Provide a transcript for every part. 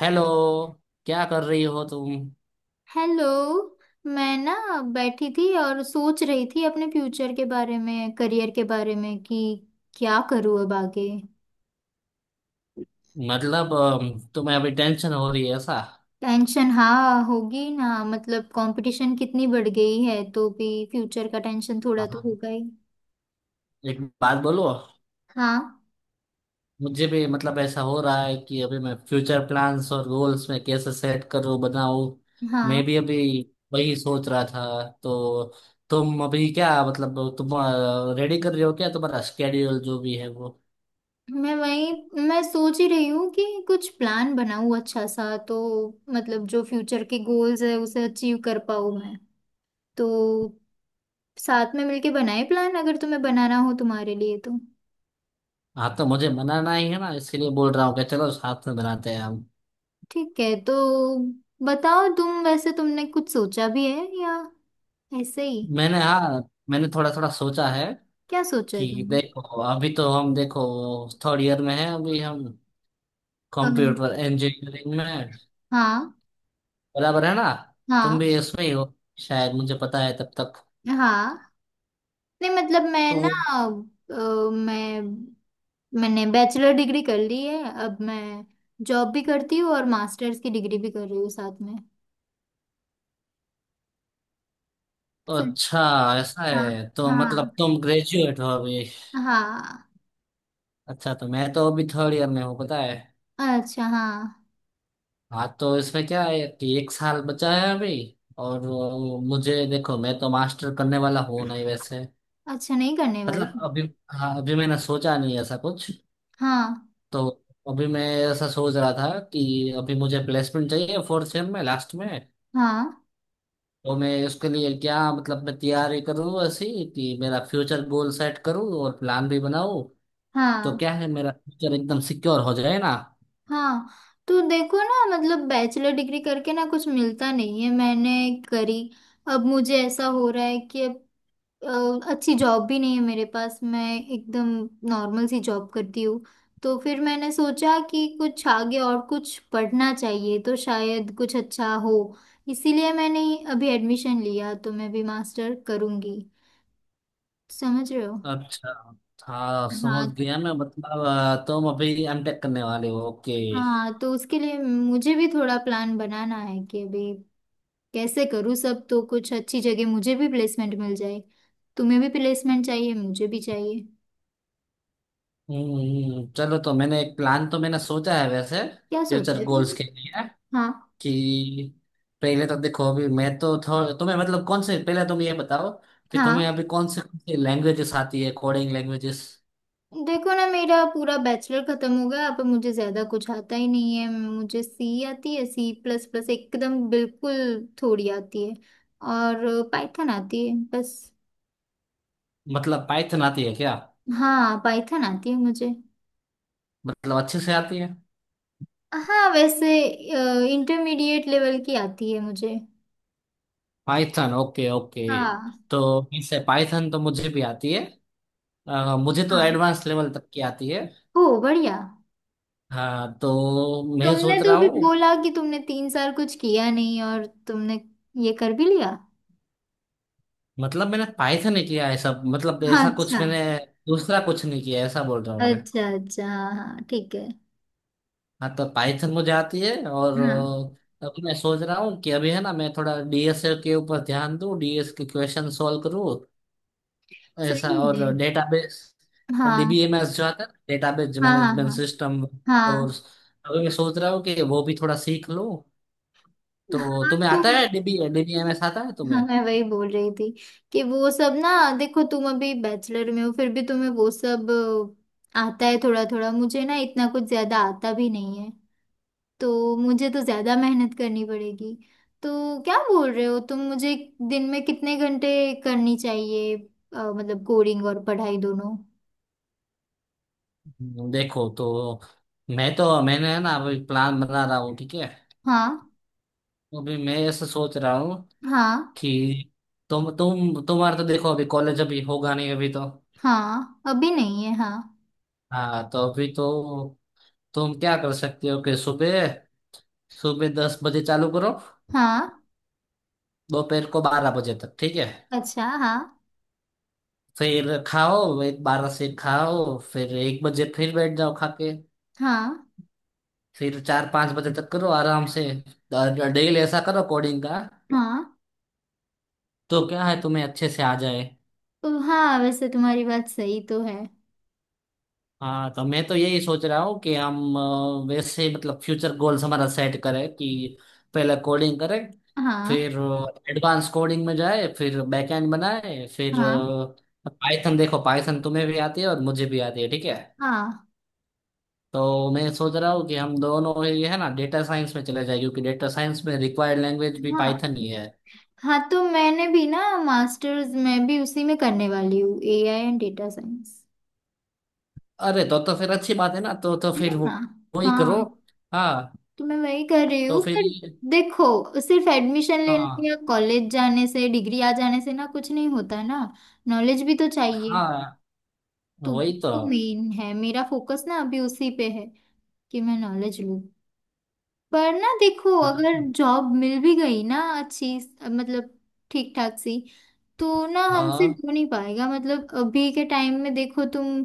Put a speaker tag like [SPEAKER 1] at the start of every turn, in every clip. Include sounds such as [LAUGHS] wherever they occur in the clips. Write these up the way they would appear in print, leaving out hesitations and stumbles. [SPEAKER 1] Hello. क्या कर रही हो तुम?
[SPEAKER 2] हेलो। मैं ना, बैठी थी और सोच रही थी अपने फ्यूचर के बारे में, करियर के बारे में, कि क्या करूँ अब आगे।
[SPEAKER 1] मतलब तुम्हें अभी टेंशन हो रही है ऐसा?
[SPEAKER 2] टेंशन हाँ होगी ना, मतलब कंपटीशन कितनी बढ़ गई है तो भी फ्यूचर का टेंशन थोड़ा तो
[SPEAKER 1] हाँ।
[SPEAKER 2] होगा ही।
[SPEAKER 1] एक बात बोलो।
[SPEAKER 2] हाँ,
[SPEAKER 1] मुझे भी मतलब ऐसा हो रहा है कि अभी मैं फ्यूचर प्लान्स और गोल्स में कैसे सेट करूं बनाऊं।
[SPEAKER 2] हाँ।
[SPEAKER 1] मैं भी अभी वही सोच रहा था। तो तुम अभी क्या, मतलब तुम रेडी कर रहे हो क्या? तुम्हारा स्केड्यूल जो भी है वो।
[SPEAKER 2] मैं वही, मैं सोच ही रही हूँ कि कुछ प्लान बनाऊँ अच्छा सा, तो मतलब जो फ्यूचर के गोल्स है उसे अचीव कर पाऊँ मैं। तो साथ में मिलके बनाए प्लान अगर तुम्हें बनाना हो, तुम्हारे लिए तो।
[SPEAKER 1] हाँ, तो मुझे मनाना ही है ना, इसके लिए बोल रहा हूँ कि चलो साथ में बनाते हैं हम।
[SPEAKER 2] ठीक है। तो बताओ तुम, वैसे तुमने कुछ सोचा भी है या ऐसे ही?
[SPEAKER 1] मैंने, हाँ, मैंने थोड़ा थोड़ा सोचा है
[SPEAKER 2] क्या सोचा है
[SPEAKER 1] कि
[SPEAKER 2] तुमने?
[SPEAKER 1] देखो, अभी तो हम, देखो, थर्ड ईयर में है अभी हम,
[SPEAKER 2] अम,
[SPEAKER 1] कंप्यूटर इंजीनियरिंग में हैं।
[SPEAKER 2] हाँ,
[SPEAKER 1] बराबर है ना? तुम
[SPEAKER 2] हाँ,
[SPEAKER 1] भी इसमें ही हो शायद, मुझे पता है तब तक।
[SPEAKER 2] हाँ। नहीं मतलब मैं
[SPEAKER 1] तो
[SPEAKER 2] ना, अ, मैं मैंने बैचलर डिग्री कर ली है, अब मैं जॉब भी करती हूँ और मास्टर्स की डिग्री भी कर रही हूँ साथ में। सर,
[SPEAKER 1] अच्छा, ऐसा
[SPEAKER 2] हाँ,
[SPEAKER 1] है तो
[SPEAKER 2] हाँ,
[SPEAKER 1] मतलब तुम ग्रेजुएट हो अभी।
[SPEAKER 2] हाँ।
[SPEAKER 1] अच्छा, तो मैं तो अभी थर्ड ईयर में हूँ पता है।
[SPEAKER 2] अच्छा हाँ।
[SPEAKER 1] हाँ, तो इसमें क्या है कि एक साल बचा है अभी। और मुझे देखो, मैं तो मास्टर करने वाला हूँ नहीं वैसे।
[SPEAKER 2] अच्छा नहीं करने
[SPEAKER 1] मतलब
[SPEAKER 2] वाली।
[SPEAKER 1] अभी, हाँ, अभी मैंने सोचा नहीं ऐसा कुछ।
[SPEAKER 2] हाँ,
[SPEAKER 1] तो अभी मैं ऐसा सोच रहा था कि अभी मुझे प्लेसमेंट चाहिए फोर्थ सेम में लास्ट में।
[SPEAKER 2] हाँ,
[SPEAKER 1] तो मैं उसके लिए क्या, मतलब मैं तैयारी करूँ ऐसी कि मेरा फ्यूचर गोल सेट करूँ और प्लान भी बनाऊँ। तो
[SPEAKER 2] हाँ,
[SPEAKER 1] क्या है, मेरा फ्यूचर एकदम सिक्योर हो जाए ना।
[SPEAKER 2] हाँ। तो देखो ना, मतलब बैचलर डिग्री करके ना कुछ मिलता नहीं है, मैंने करी। अब मुझे ऐसा हो रहा है कि अब अच्छी जॉब भी नहीं है मेरे पास, मैं एकदम नॉर्मल सी जॉब करती हूँ। तो फिर मैंने सोचा कि कुछ आगे और कुछ पढ़ना चाहिए तो शायद कुछ अच्छा हो। इसीलिए मैंने अभी एडमिशन लिया, तो मैं भी मास्टर करूँगी। समझ रहे हो?
[SPEAKER 1] अच्छा, हाँ, समझ
[SPEAKER 2] हाँ।
[SPEAKER 1] गया मैं, मतलब तुम अभी एम टेक करने वाले हो, ओके।
[SPEAKER 2] हाँ तो उसके लिए मुझे भी थोड़ा प्लान बनाना है कि अभी कैसे करूँ सब, तो कुछ अच्छी जगह मुझे भी प्लेसमेंट मिल जाए। तुम्हें भी प्लेसमेंट चाहिए, मुझे भी चाहिए।
[SPEAKER 1] हम्म, चलो, तो मैंने एक प्लान, तो मैंने सोचा है वैसे
[SPEAKER 2] क्या सोचा
[SPEAKER 1] फ्यूचर
[SPEAKER 2] है
[SPEAKER 1] गोल्स
[SPEAKER 2] तुमने?
[SPEAKER 1] के लिए
[SPEAKER 2] हाँ।
[SPEAKER 1] कि पहले तो देखो, अभी मैं तो तुम्हें मतलब कौन से पहले, तुम ये बताओ कि तुम्हें
[SPEAKER 2] हाँ
[SPEAKER 1] अभी कौन से लैंग्वेजेस आती है, कोडिंग लैंग्वेजेस।
[SPEAKER 2] देखो ना, मेरा पूरा बैचलर खत्म हो गया, अब मुझे ज्यादा कुछ आता ही नहीं है। मुझे सी आती है, सी प्लस प्लस एकदम बिल्कुल थोड़ी आती है, और पाइथन आती है बस।
[SPEAKER 1] मतलब पाइथन आती है क्या?
[SPEAKER 2] हाँ, पाइथन आती है मुझे।
[SPEAKER 1] मतलब अच्छे से आती है?
[SPEAKER 2] हाँ वैसे इंटरमीडिएट लेवल की आती है मुझे।
[SPEAKER 1] Python, okay okay.
[SPEAKER 2] हाँ।
[SPEAKER 1] तो इससे पाइथन तो मुझे भी आती है, मुझे तो
[SPEAKER 2] हाँ,
[SPEAKER 1] एडवांस लेवल तक की आती है।
[SPEAKER 2] ओ बढ़िया।
[SPEAKER 1] हाँ तो मैं
[SPEAKER 2] तुमने
[SPEAKER 1] सोच
[SPEAKER 2] तो
[SPEAKER 1] रहा
[SPEAKER 2] अभी
[SPEAKER 1] हूँ,
[SPEAKER 2] बोला कि तुमने 3 साल कुछ किया नहीं और तुमने ये कर भी लिया।
[SPEAKER 1] मतलब मैंने पाइथन ही किया है सब, मतलब
[SPEAKER 2] हाँ,
[SPEAKER 1] ऐसा कुछ
[SPEAKER 2] अच्छा।
[SPEAKER 1] मैंने दूसरा कुछ नहीं किया है, ऐसा बोल रहा हूँ मैं।
[SPEAKER 2] अच्छा अच्छा, हाँ, हाँ, ठीक है।
[SPEAKER 1] हाँ तो पाइथन मुझे आती है। और
[SPEAKER 2] हाँ
[SPEAKER 1] अब मैं सोच रहा हूँ कि अभी है ना, मैं थोड़ा डीएस के ऊपर ध्यान दूँ, डीएस के क्वेश्चन सॉल्व करूँ, ऐसा,
[SPEAKER 2] सही है।
[SPEAKER 1] और डेटाबेस,
[SPEAKER 2] हाँ,
[SPEAKER 1] डीबीएमएस जो आता है डेटाबेस
[SPEAKER 2] हाँ, हाँ,
[SPEAKER 1] मैनेजमेंट
[SPEAKER 2] हाँ,
[SPEAKER 1] सिस्टम। और
[SPEAKER 2] हाँ,
[SPEAKER 1] अभी मैं सोच रहा हूँ कि वो भी थोड़ा सीख लूँ। तो
[SPEAKER 2] हाँ।
[SPEAKER 1] तुम्हें
[SPEAKER 2] तो
[SPEAKER 1] आता है डीबीएमएस आता है
[SPEAKER 2] हाँ,
[SPEAKER 1] तुम्हें?
[SPEAKER 2] मैं वही बोल रही थी कि वो सब ना, देखो तुम अभी बैचलर में हो फिर भी तुम्हें वो सब आता है थोड़ा थोड़ा, मुझे ना इतना कुछ ज्यादा आता भी नहीं है, तो मुझे तो ज्यादा मेहनत करनी पड़ेगी। तो क्या बोल रहे हो तुम मुझे? दिन में कितने घंटे करनी चाहिए, मतलब कोडिंग और पढ़ाई दोनों?
[SPEAKER 1] देखो, तो मैं तो मैंने है ना अभी प्लान बना रहा हूँ, ठीक है।
[SPEAKER 2] हाँ,
[SPEAKER 1] तो अभी मैं ऐसा सोच रहा हूँ
[SPEAKER 2] हाँ,
[SPEAKER 1] कि तुम्हारा तो देखो, अभी कॉलेज अभी होगा नहीं अभी तो।
[SPEAKER 2] हाँ। अभी नहीं है, हाँ।
[SPEAKER 1] हाँ तो अभी तो, तुम क्या कर सकते हो कि सुबह सुबह 10 बजे चालू करो।
[SPEAKER 2] हाँ,
[SPEAKER 1] दोपहर को 12 बजे तक, ठीक है।
[SPEAKER 2] अच्छा हाँ,
[SPEAKER 1] फिर खाओ, एक, 12 से खाओ, फिर 1 बजे फिर बैठ जाओ खा के।
[SPEAKER 2] हाँ,
[SPEAKER 1] फिर चार पाँच बजे तक करो आराम से। डेली ऐसा करो कोडिंग का।
[SPEAKER 2] हाँ।
[SPEAKER 1] तो क्या है, तुम्हें अच्छे से आ जाए।
[SPEAKER 2] तो हाँ वैसे तुम्हारी बात सही तो है।
[SPEAKER 1] हाँ तो मैं तो यही सोच रहा हूँ कि हम वैसे ही मतलब फ्यूचर गोल्स हमारा सेट करें कि पहले कोडिंग करें।
[SPEAKER 2] हाँ,
[SPEAKER 1] फिर एडवांस कोडिंग में जाए, फिर बैकएंड बनाए, फिर
[SPEAKER 2] हाँ,
[SPEAKER 1] पाइथन, देखो पाइथन तुम्हें भी आती है और मुझे भी आती है, ठीक है।
[SPEAKER 2] हाँ,
[SPEAKER 1] तो मैं सोच रहा हूँ कि हम दोनों ये है ना डेटा साइंस में चले जाए, क्योंकि डेटा साइंस में रिक्वायर्ड लैंग्वेज भी
[SPEAKER 2] हाँ,
[SPEAKER 1] पाइथन ही है।
[SPEAKER 2] हाँ। तो मैंने भी ना मास्टर्स मैं भी उसी में करने वाली हूँ, एआई एंड डेटा साइंस।
[SPEAKER 1] अरे तो फिर अच्छी बात है ना, तो
[SPEAKER 2] है
[SPEAKER 1] फिर
[SPEAKER 2] ना।
[SPEAKER 1] वो वही करो।
[SPEAKER 2] हाँ,
[SPEAKER 1] हाँ,
[SPEAKER 2] तो मैं वही कर रही
[SPEAKER 1] तो
[SPEAKER 2] हूँ
[SPEAKER 1] फिर
[SPEAKER 2] पर देखो सिर्फ एडमिशन लेने
[SPEAKER 1] हाँ
[SPEAKER 2] या कॉलेज जाने से, डिग्री आ जाने से ना कुछ नहीं होता ना, नॉलेज भी तो चाहिए।
[SPEAKER 1] हाँ,
[SPEAKER 2] तो
[SPEAKER 1] वही तो।
[SPEAKER 2] वो मेन है, मेरा फोकस ना अभी उसी पे है कि मैं नॉलेज लूँ। पर ना देखो, अगर
[SPEAKER 1] हाँ
[SPEAKER 2] जॉब मिल भी गई ना अच्छी, मतलब ठीक ठाक सी, तो ना हमसे
[SPEAKER 1] हाँ।
[SPEAKER 2] हो नहीं पाएगा, मतलब अभी के टाइम में। देखो तुम,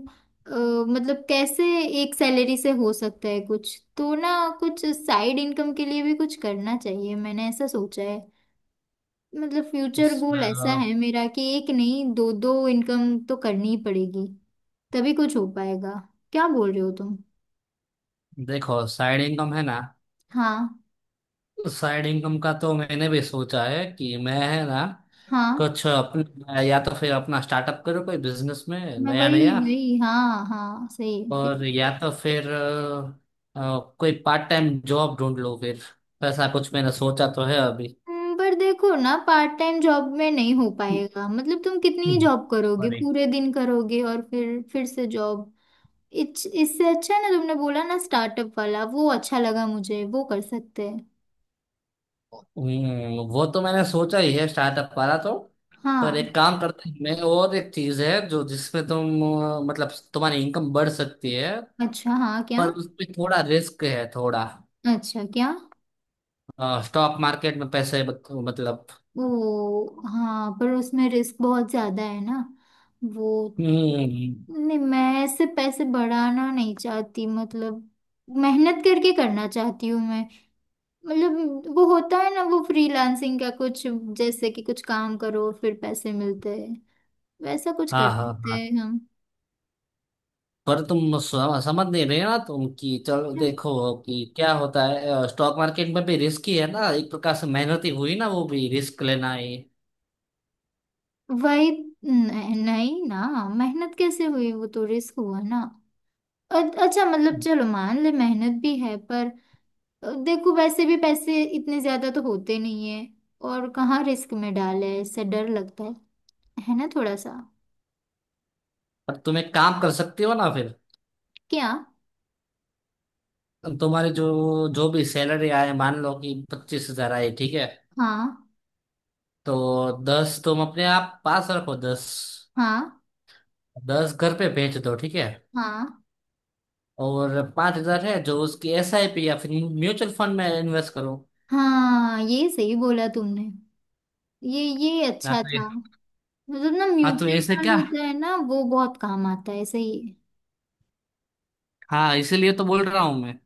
[SPEAKER 2] मतलब कैसे एक सैलरी से हो सकता है कुछ तो ना। कुछ साइड इनकम के लिए भी कुछ करना चाहिए, मैंने ऐसा सोचा है। मतलब फ्यूचर
[SPEAKER 1] उस-
[SPEAKER 2] गोल ऐसा
[SPEAKER 1] अ,
[SPEAKER 2] है मेरा कि एक नहीं, दो दो इनकम तो करनी ही पड़ेगी, तभी कुछ हो पाएगा। क्या बोल रहे हो तुम?
[SPEAKER 1] देखो, साइड इनकम है ना।
[SPEAKER 2] हाँ,
[SPEAKER 1] साइड इनकम का तो मैंने भी सोचा है कि मैं है ना
[SPEAKER 2] हाँ।
[SPEAKER 1] कुछ अपना, या तो फिर अपना स्टार्टअप करूँ, कोई बिजनेस में
[SPEAKER 2] मैं
[SPEAKER 1] नया
[SPEAKER 2] वही
[SPEAKER 1] नया।
[SPEAKER 2] वही, हाँ, हाँ, सही है
[SPEAKER 1] और
[SPEAKER 2] ठीक।
[SPEAKER 1] या तो फिर कोई पार्ट टाइम जॉब ढूंढ लो फिर। तो ऐसा कुछ मैंने सोचा तो है अभी।
[SPEAKER 2] पर देखो ना, पार्ट टाइम जॉब में नहीं हो पाएगा, मतलब तुम कितनी ही
[SPEAKER 1] हम्म।
[SPEAKER 2] जॉब करोगे,
[SPEAKER 1] सॉरी।
[SPEAKER 2] पूरे दिन करोगे और फिर से जॉब, इससे अच्छा है ना, तुमने बोला ना स्टार्टअप वाला, वो अच्छा लगा मुझे, वो कर सकते हैं।
[SPEAKER 1] वो तो मैंने सोचा ही है स्टार्टअप वाला तो। पर
[SPEAKER 2] हाँ।
[SPEAKER 1] एक काम करते हैं, मैं, और एक चीज है जो जिसमें तुम मतलब तुम्हारी इनकम बढ़ सकती है।
[SPEAKER 2] अच्छा हाँ क्या?
[SPEAKER 1] पर उसमें थोड़ा रिस्क है, थोड़ा।
[SPEAKER 2] अच्छा क्या?
[SPEAKER 1] स्टॉक मार्केट में पैसे मतलब।
[SPEAKER 2] ओ हाँ, पर उसमें रिस्क बहुत ज्यादा है ना वो।
[SPEAKER 1] हम्म,
[SPEAKER 2] नहीं मैं ऐसे पैसे बढ़ाना नहीं चाहती, मतलब मेहनत करके करना चाहती हूँ मैं। मतलब वो होता है ना वो फ्रीलांसिंग का कुछ, जैसे कि कुछ काम करो फिर पैसे मिलते हैं, वैसा कुछ कर
[SPEAKER 1] हाँ हाँ
[SPEAKER 2] सकते
[SPEAKER 1] हाँ।
[SPEAKER 2] हैं हम।
[SPEAKER 1] पर तुम समझ नहीं रहे ना तुम, कि चलो देखो कि क्या होता है, स्टॉक मार्केट में भी रिस्क ही है ना, एक प्रकार से मेहनत ही हुई ना, वो भी रिस्क लेना ही।
[SPEAKER 2] वही, नहीं, नहीं ना, मेहनत कैसे हुई? वो तो रिस्क हुआ ना। अ- अच्छा मतलब, चलो मान ले मेहनत भी है, पर देखो वैसे भी पैसे इतने ज्यादा तो होते नहीं है, और कहाँ रिस्क में डाले, इससे डर लगता है ना थोड़ा सा।
[SPEAKER 1] पर तुम एक काम कर सकती हो ना फिर।
[SPEAKER 2] क्या?
[SPEAKER 1] तुम्हारी जो जो भी सैलरी आए, मान लो कि 25,000 आई, ठीक है।
[SPEAKER 2] हाँ।
[SPEAKER 1] तो 10 तुम अपने आप पास रखो, 10।
[SPEAKER 2] हाँ,
[SPEAKER 1] 10 घर पे भेज दो, ठीक है।
[SPEAKER 2] हाँ,
[SPEAKER 1] और 5,000 है जो उसकी एसआईपी या फिर म्यूचुअल फंड में इन्वेस्ट करो।
[SPEAKER 2] हाँ, ये सही बोला तुमने, ये
[SPEAKER 1] या
[SPEAKER 2] अच्छा
[SPEAKER 1] तो,
[SPEAKER 2] था। मतलब ना
[SPEAKER 1] हाँ। तो
[SPEAKER 2] म्यूचुअल
[SPEAKER 1] ऐसे
[SPEAKER 2] फंड
[SPEAKER 1] क्या?
[SPEAKER 2] होता है ना, वो बहुत काम आता है सही है।
[SPEAKER 1] हाँ इसीलिए तो बोल रहा हूँ मैं।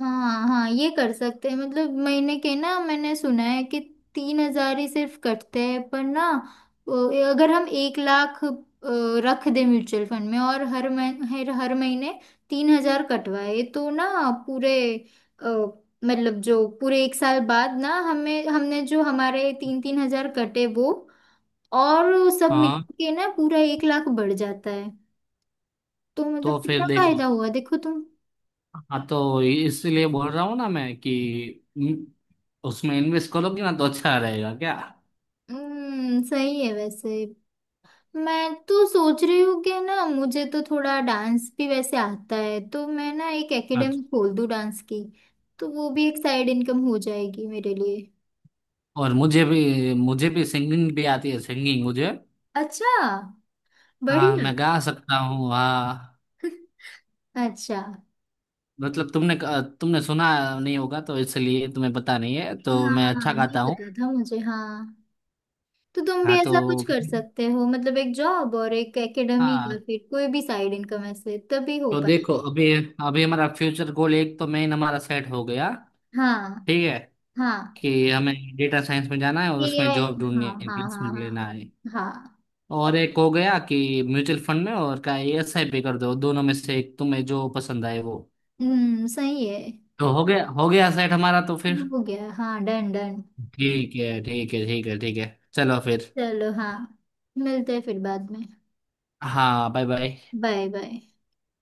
[SPEAKER 2] हाँ, हाँ। ये कर सकते हैं, मतलब महीने के ना मैंने सुना है कि 3,000 ही सिर्फ कटते हैं, पर ना अ, अगर हम एक लाख रख दे म्यूचुअल फंड में, और हर मह, हर हर महीने 3,000 कटवाए, तो ना पूरे, अ, मतलब जो पूरे एक साल बाद ना हमें हमने जो हमारे तीन तीन हजार कटे वो और सब
[SPEAKER 1] हाँ
[SPEAKER 2] मिलके के ना पूरा 1 लाख बढ़ जाता है। तो मतलब
[SPEAKER 1] तो
[SPEAKER 2] कितना
[SPEAKER 1] फिर
[SPEAKER 2] फायदा
[SPEAKER 1] देखो।
[SPEAKER 2] हुआ देखो तुम।
[SPEAKER 1] हाँ तो इसीलिए बोल रहा हूँ ना मैं कि हम्म, उसमें इन्वेस्ट करोगे ना तो अच्छा रहेगा क्या।
[SPEAKER 2] सही है वैसे। मैं तो सोच रही हूँ कि ना मुझे तो थोड़ा डांस भी वैसे आता है, तो मैं ना एक एकेडमी
[SPEAKER 1] अच्छा।
[SPEAKER 2] खोल दूँ डांस की। तो वो भी एक साइड इनकम हो जाएगी मेरे लिए।
[SPEAKER 1] और मुझे भी सिंगिंग भी आती है, सिंगिंग मुझे।
[SPEAKER 2] अच्छा
[SPEAKER 1] हाँ,
[SPEAKER 2] बढ़िया।
[SPEAKER 1] मैं गा सकता हूँ, हाँ।
[SPEAKER 2] [LAUGHS] अच्छा हाँ।
[SPEAKER 1] मतलब तुमने तुमने सुना नहीं होगा तो इसलिए तुम्हें पता नहीं है, तो मैं
[SPEAKER 2] हाँ,
[SPEAKER 1] अच्छा
[SPEAKER 2] हाँ, नहीं
[SPEAKER 1] गाता हूँ।
[SPEAKER 2] पता था मुझे। हाँ, तो तुम भी
[SPEAKER 1] हाँ तो
[SPEAKER 2] ऐसा कुछ कर सकते हो, मतलब एक जॉब और एक एकेडमी या
[SPEAKER 1] हाँ
[SPEAKER 2] फिर कोई भी साइड इनकम, ऐसे तभी हो।
[SPEAKER 1] तो देखो, अभी अभी हमारा फ्यूचर गोल एक तो मेन हमारा सेट हो गया।
[SPEAKER 2] हाँ,
[SPEAKER 1] ठीक है
[SPEAKER 2] हाँ।
[SPEAKER 1] कि हमें डेटा साइंस में जाना है और
[SPEAKER 2] ये गया
[SPEAKER 1] उसमें
[SPEAKER 2] है,
[SPEAKER 1] जॉब
[SPEAKER 2] हाँ,
[SPEAKER 1] ढूंढनी है,
[SPEAKER 2] हाँ, हाँ,
[SPEAKER 1] प्लेसमेंट लेना है।
[SPEAKER 2] हाँ, हाँ।
[SPEAKER 1] और एक हो गया कि म्यूचुअल फंड में और का एसआईपी भी कर दो, दोनों में से एक तुम्हें जो पसंद आए वो।
[SPEAKER 2] सही है।
[SPEAKER 1] तो हो गया, हो गया सेट हमारा, तो फिर
[SPEAKER 2] हो गया हाँ डन डन।
[SPEAKER 1] ठीक है, ठीक है, ठीक है, ठीक है। चलो फिर।
[SPEAKER 2] चलो हाँ, मिलते हैं फिर बाद में।
[SPEAKER 1] हाँ, बाय बाय।
[SPEAKER 2] Bye bye.